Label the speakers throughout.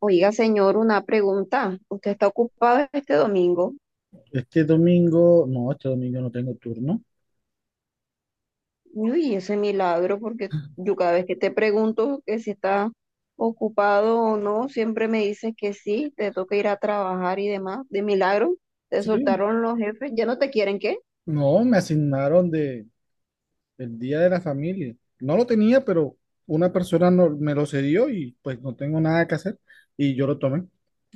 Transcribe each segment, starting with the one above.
Speaker 1: Oiga, señor, una pregunta. ¿Usted está ocupado este domingo?
Speaker 2: Este domingo no tengo turno.
Speaker 1: Uy, ese milagro, porque yo cada vez que te pregunto que si está ocupado o no, siempre me dices que sí, te toca ir a trabajar y demás. De milagro, te
Speaker 2: Sí,
Speaker 1: soltaron los jefes, ya no te quieren, ¿qué?
Speaker 2: no, me asignaron el Día de la Familia. No lo tenía, pero una persona me lo cedió y pues no tengo nada que hacer y yo lo tomé.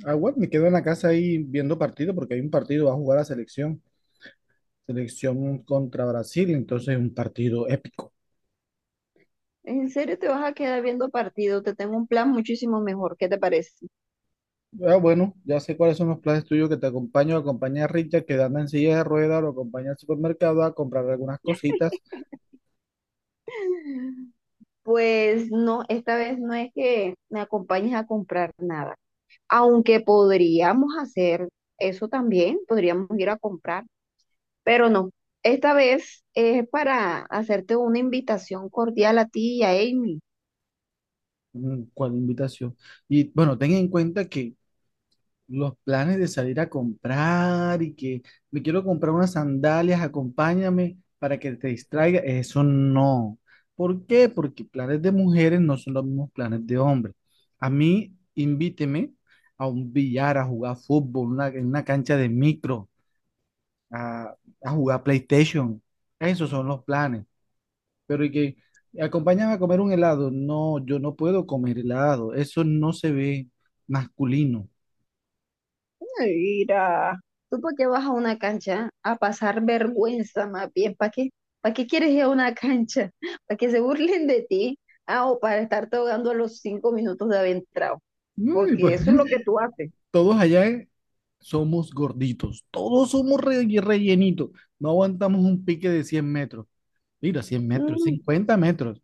Speaker 2: Ah, bueno, me quedo en la casa ahí viendo partido porque hay un partido, va a jugar la selección. Selección contra Brasil, entonces un partido épico.
Speaker 1: ¿En serio te vas a quedar viendo partido? Te tengo un plan muchísimo mejor, ¿qué te parece?
Speaker 2: Ah, bueno, ya sé cuáles son los planes tuyos que te acompaño. Acompaña a Richard que anda en silla de ruedas, lo acompaña al supermercado a comprar algunas cositas.
Speaker 1: Pues no, esta vez no es que me acompañes a comprar nada, aunque podríamos hacer eso también, podríamos ir a comprar, pero no. Esta vez es para hacerte una invitación cordial a ti y a Amy.
Speaker 2: Mm, ¿cuál invitación? Y bueno, ten en cuenta que los planes de salir a comprar y que me quiero comprar unas sandalias, acompáñame para que te distraiga, eso no. ¿Por qué? Porque planes de mujeres no son los mismos planes de hombres. A mí, invíteme a un billar, a jugar fútbol, en una cancha de micro, a, a jugar PlayStation. Esos son los planes. Pero y que acompáñame a comer un helado. No, yo no puedo comer helado. Eso no se ve masculino.
Speaker 1: Mira, ¿tú por qué vas a una cancha a pasar vergüenza más bien? ¿Para qué? ¿Para qué quieres ir a una cancha? ¿Para que se burlen de ti? Ah, o para estarte ahogando a los 5 minutos de haber entrado,
Speaker 2: No, y
Speaker 1: porque
Speaker 2: pues,
Speaker 1: eso es lo que tú haces.
Speaker 2: todos allá somos gorditos. Todos somos rellenitos. No aguantamos un pique de 100 metros. Mira, 100 metros,
Speaker 1: Mm,
Speaker 2: 50 metros.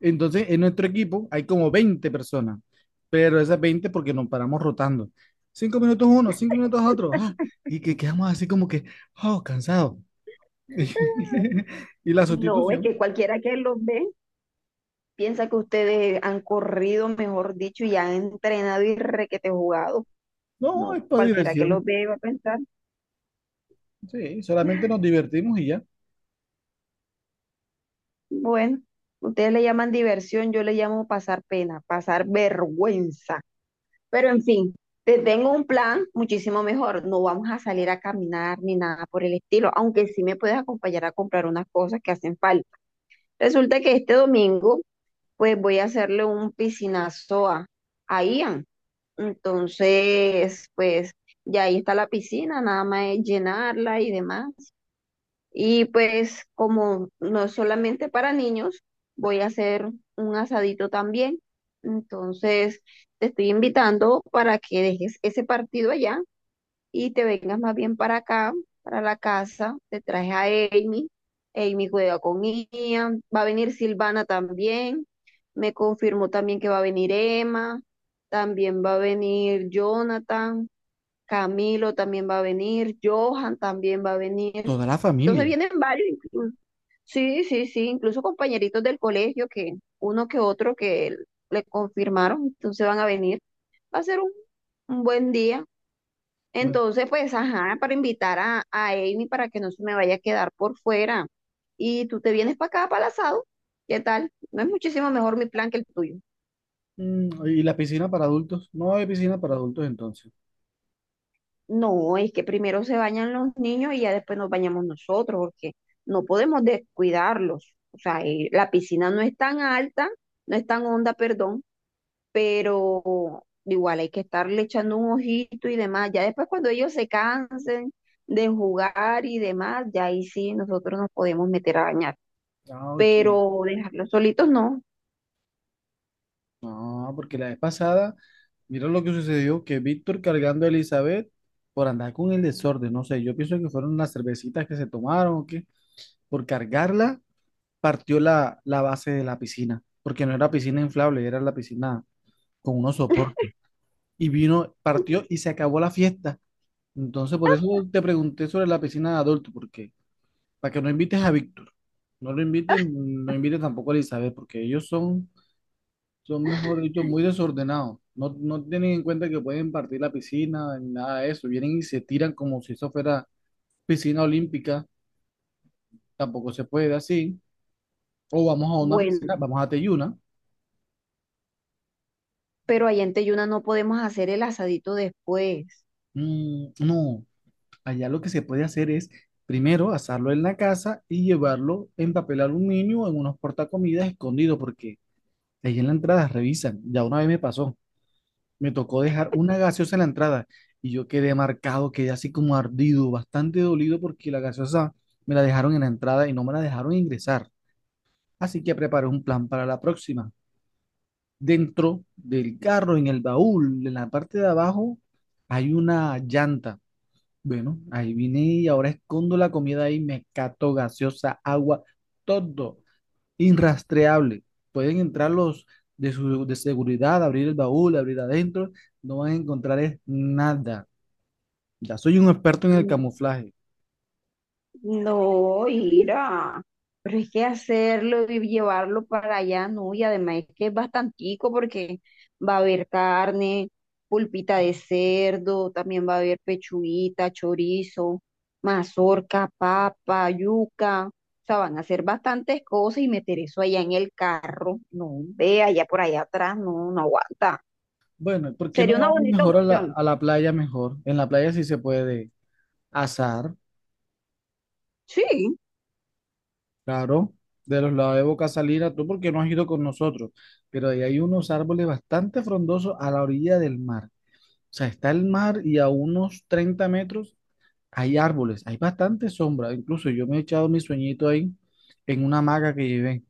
Speaker 2: Entonces, en nuestro equipo hay como 20 personas. Pero esas 20 porque nos paramos rotando. Cinco minutos uno, cinco minutos otro. Y que quedamos así como que, oh, cansado. Y la
Speaker 1: no, es que
Speaker 2: sustitución.
Speaker 1: cualquiera que los ve piensa que ustedes han corrido, mejor dicho, y han entrenado y requete jugado.
Speaker 2: No,
Speaker 1: No,
Speaker 2: es para
Speaker 1: cualquiera que los
Speaker 2: diversión.
Speaker 1: ve va a pensar,
Speaker 2: Sí, solamente nos divertimos y ya.
Speaker 1: bueno, ustedes le llaman diversión, yo le llamo pasar pena, pasar vergüenza. Pero en fin, te tengo un plan muchísimo mejor. No vamos a salir a caminar ni nada por el estilo, aunque sí me puedes acompañar a comprar unas cosas que hacen falta. Resulta que este domingo pues voy a hacerle un piscinazo a Ian. Entonces, pues ya ahí está la piscina, nada más es llenarla y demás. Y pues como no es solamente para niños, voy a hacer un asadito también. Entonces, te estoy invitando para que dejes ese partido allá y te vengas más bien para acá, para la casa, te traje a Amy, Amy juega con Ian, va a venir Silvana también, me confirmó también que va a venir Emma, también va a venir Jonathan, Camilo también va a venir, Johan también va a venir,
Speaker 2: Toda la
Speaker 1: entonces
Speaker 2: familia.
Speaker 1: vienen varios, sí, sí, sí, incluso compañeritos del colegio, que uno que otro que le confirmaron, entonces van a venir, va a ser un buen día.
Speaker 2: Bueno,
Speaker 1: Entonces, pues, ajá, para invitar a Amy, para que no se me vaya a quedar por fuera. Y tú te vienes para acá, para el asado. ¿Qué tal? ¿No es muchísimo mejor mi plan que el tuyo?
Speaker 2: mm, y la piscina para adultos. No hay piscina para adultos entonces.
Speaker 1: No, es que primero se bañan los niños y ya después nos bañamos nosotros, porque no podemos descuidarlos. O sea, la piscina no es tan alta, no es tan honda, perdón, pero igual hay que estarle echando un ojito y demás. Ya después, cuando ellos se cansen de jugar y demás, ya ahí sí nosotros nos podemos meter a bañar,
Speaker 2: Ah, ok.
Speaker 1: pero dejarlos solitos no.
Speaker 2: No, porque la vez pasada, mira lo que sucedió, que Víctor cargando a Elizabeth por andar con el desorden. No sé, yo pienso que fueron las cervecitas que se tomaron o qué. Por cargarla, partió la base de la piscina, porque no era piscina inflable, era la piscina con unos soportes. Y vino, partió y se acabó la fiesta. Entonces, por eso te pregunté sobre la piscina de adulto, porque para que no invites a Víctor, no lo inviten, no inviten tampoco a Elizabeth, porque ellos son, son mejor dicho, muy desordenados. No, no tienen en cuenta que pueden partir la piscina, ni nada de eso. Vienen y se tiran como si eso fuera piscina olímpica, tampoco se puede así. O vamos a una
Speaker 1: Bueno,
Speaker 2: piscina, vamos a Teyuna.
Speaker 1: pero allá en Teyuna no podemos hacer el asadito después.
Speaker 2: Mm, no, allá lo que se puede hacer es primero asarlo en la casa y llevarlo en papel aluminio o en unos portacomidas escondidos, porque ahí en la entrada revisan. Ya una vez me pasó. Me tocó dejar una gaseosa en la entrada y yo quedé marcado, quedé así como ardido, bastante dolido porque la gaseosa me la dejaron en la entrada y no me la dejaron ingresar. Así que preparé un plan para la próxima. Dentro del carro, en el baúl, en la parte de abajo, hay una llanta. Bueno, ahí vine y ahora escondo la comida ahí, me cato gaseosa, agua, todo inrastreable. Pueden entrar los de seguridad, abrir el baúl, abrir adentro, no van a encontrar es nada. Ya soy un experto en el
Speaker 1: Mm,
Speaker 2: camuflaje.
Speaker 1: No, Ira, pero es que hacerlo y llevarlo para allá, no, y además es que es bastantico, porque va a haber carne, pulpita de cerdo, también va a haber pechuguita, chorizo, mazorca, papa, yuca, o sea, van a hacer bastantes cosas, y meter eso allá en el carro, no, ve allá por allá atrás, no, no aguanta.
Speaker 2: Bueno, ¿por qué no
Speaker 1: Sería una
Speaker 2: vamos
Speaker 1: bonita
Speaker 2: mejor a la,
Speaker 1: opción.
Speaker 2: a la playa mejor? En la playa sí se puede azar,
Speaker 1: Sí,
Speaker 2: claro, de los lados de Boca Salina, tú porque no has ido con nosotros, pero ahí hay unos árboles bastante frondosos a la orilla del mar. O sea, está el mar y a unos 30 metros hay árboles, hay bastante sombra. Incluso yo me he echado mi sueñito ahí en una hamaca que llevé.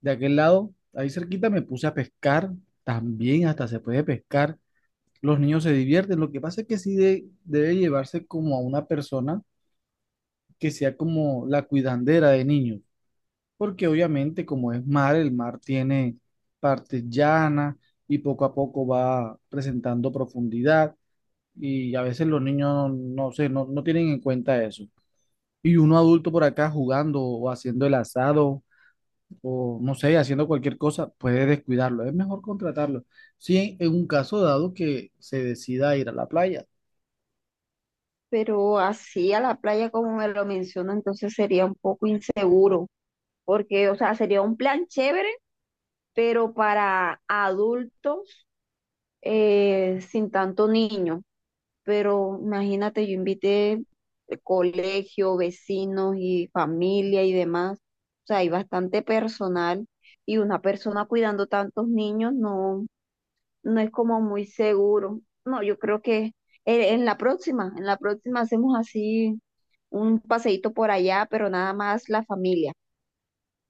Speaker 2: De aquel lado, ahí cerquita, me puse a pescar. También hasta se puede pescar. Los niños se divierten. Lo que pasa es que sí debe llevarse como a una persona que sea como la cuidandera de niños. Porque obviamente como es mar, el mar tiene partes llanas y poco a poco va presentando profundidad. Y a veces los niños no, no sé, no tienen en cuenta eso. Y uno adulto por acá jugando o haciendo el asado o no sé, haciendo cualquier cosa, puede descuidarlo. Es mejor contratarlo. Si en un caso dado que se decida ir a la playa,
Speaker 1: pero así a la playa como me lo menciona, entonces sería un poco inseguro, porque, o sea, sería un plan chévere, pero para adultos, sin tanto niño. Pero imagínate, yo invité de colegio, vecinos y familia y demás. O sea, hay bastante personal, y una persona cuidando tantos niños, no, no es como muy seguro. No, yo creo que en la próxima, hacemos así un paseíto por allá, pero nada más la familia,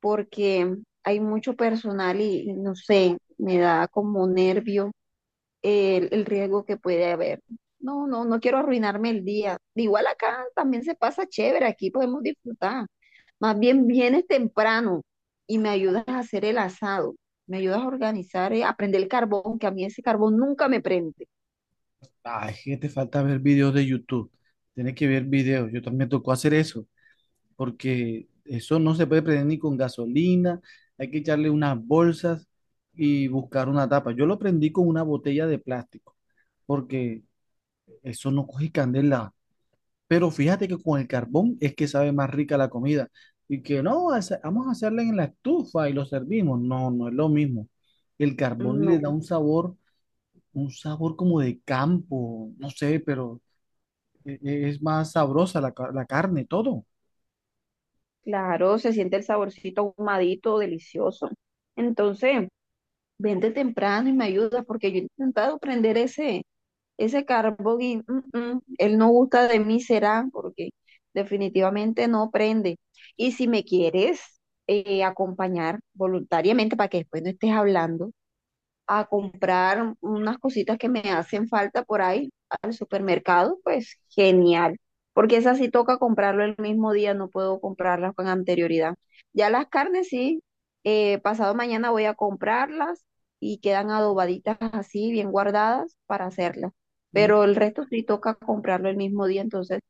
Speaker 1: porque hay mucho personal y no sé, me da como nervio el riesgo que puede haber. No, no, no quiero arruinarme el día. Igual acá también se pasa chévere, aquí podemos disfrutar. Más bien vienes temprano y me ayudas a hacer el asado, me ayudas a organizar, a prender el carbón, que a mí ese carbón nunca me prende.
Speaker 2: ay, que te falta ver videos de YouTube. Tienes que ver videos. Yo también tocó hacer eso, porque eso no se puede prender ni con gasolina. Hay que echarle unas bolsas y buscar una tapa. Yo lo prendí con una botella de plástico, porque eso no coge candela. Pero fíjate que con el carbón es que sabe más rica la comida. Y que no, vamos a hacerla en la estufa y lo servimos. No, no es lo mismo. El carbón le da
Speaker 1: No,
Speaker 2: un sabor como de campo, no sé, pero es más sabrosa la carne, todo.
Speaker 1: claro, se siente el saborcito ahumadito, delicioso. Entonces, vente temprano y me ayudas, porque yo he intentado prender ese Carbogui, él no gusta de mí, será, porque definitivamente no prende. Y si me quieres acompañar voluntariamente, para que después no estés hablando, a comprar unas cositas que me hacen falta por ahí al supermercado, pues genial, porque esas sí toca comprarlo el mismo día, no puedo comprarlas con anterioridad. Ya las carnes sí, pasado mañana voy a comprarlas y quedan adobaditas así, bien guardadas para hacerlas,
Speaker 2: Mm,
Speaker 1: pero el resto sí toca comprarlo el mismo día, entonces...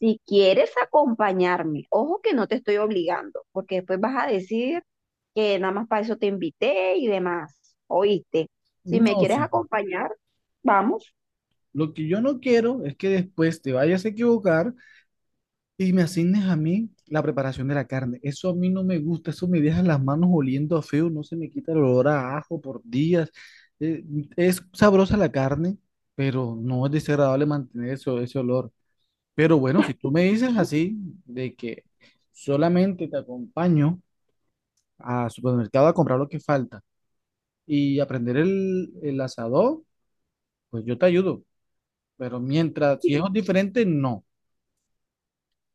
Speaker 1: Si quieres acompañarme, ojo que no te estoy obligando, porque después vas a decir que nada más para eso te invité y demás, ¿oíste? Si me
Speaker 2: no,
Speaker 1: quieres
Speaker 2: sí.
Speaker 1: acompañar, vamos.
Speaker 2: Lo que yo no quiero es que después te vayas a equivocar y me asignes a mí la preparación de la carne. Eso a mí no me gusta, eso me deja las manos oliendo a feo, no se me quita el olor a ajo por días. Eh, es sabrosa la carne, pero no es desagradable mantener eso, ese olor. Pero bueno, si tú me dices así, de que solamente te acompaño al supermercado a comprar lo que falta y aprender el asador, pues yo te ayudo. Pero mientras, si es diferente, no.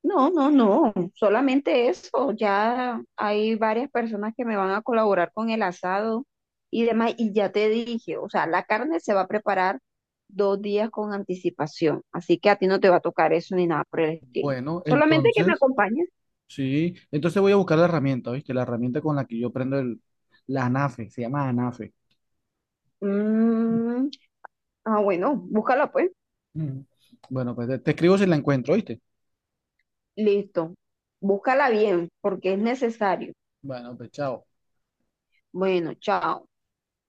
Speaker 1: No, no, no, solamente eso. Ya hay varias personas que me van a colaborar con el asado y demás. Y ya te dije, o sea, la carne se va a preparar 2 días con anticipación. Así que a ti no te va a tocar eso ni nada por el estilo.
Speaker 2: Bueno,
Speaker 1: Solamente que me
Speaker 2: entonces...
Speaker 1: acompañes.
Speaker 2: Sí, entonces voy a buscar la herramienta, ¿viste? La herramienta con la que yo prendo el, la ANAFE, se llama ANAFE.
Speaker 1: Mm, ah, bueno, búscala pues.
Speaker 2: Mm. Bueno, pues te escribo si la encuentro, ¿viste?
Speaker 1: Listo. Búscala bien, porque es necesario.
Speaker 2: Bueno, pues chao.
Speaker 1: Bueno, chao.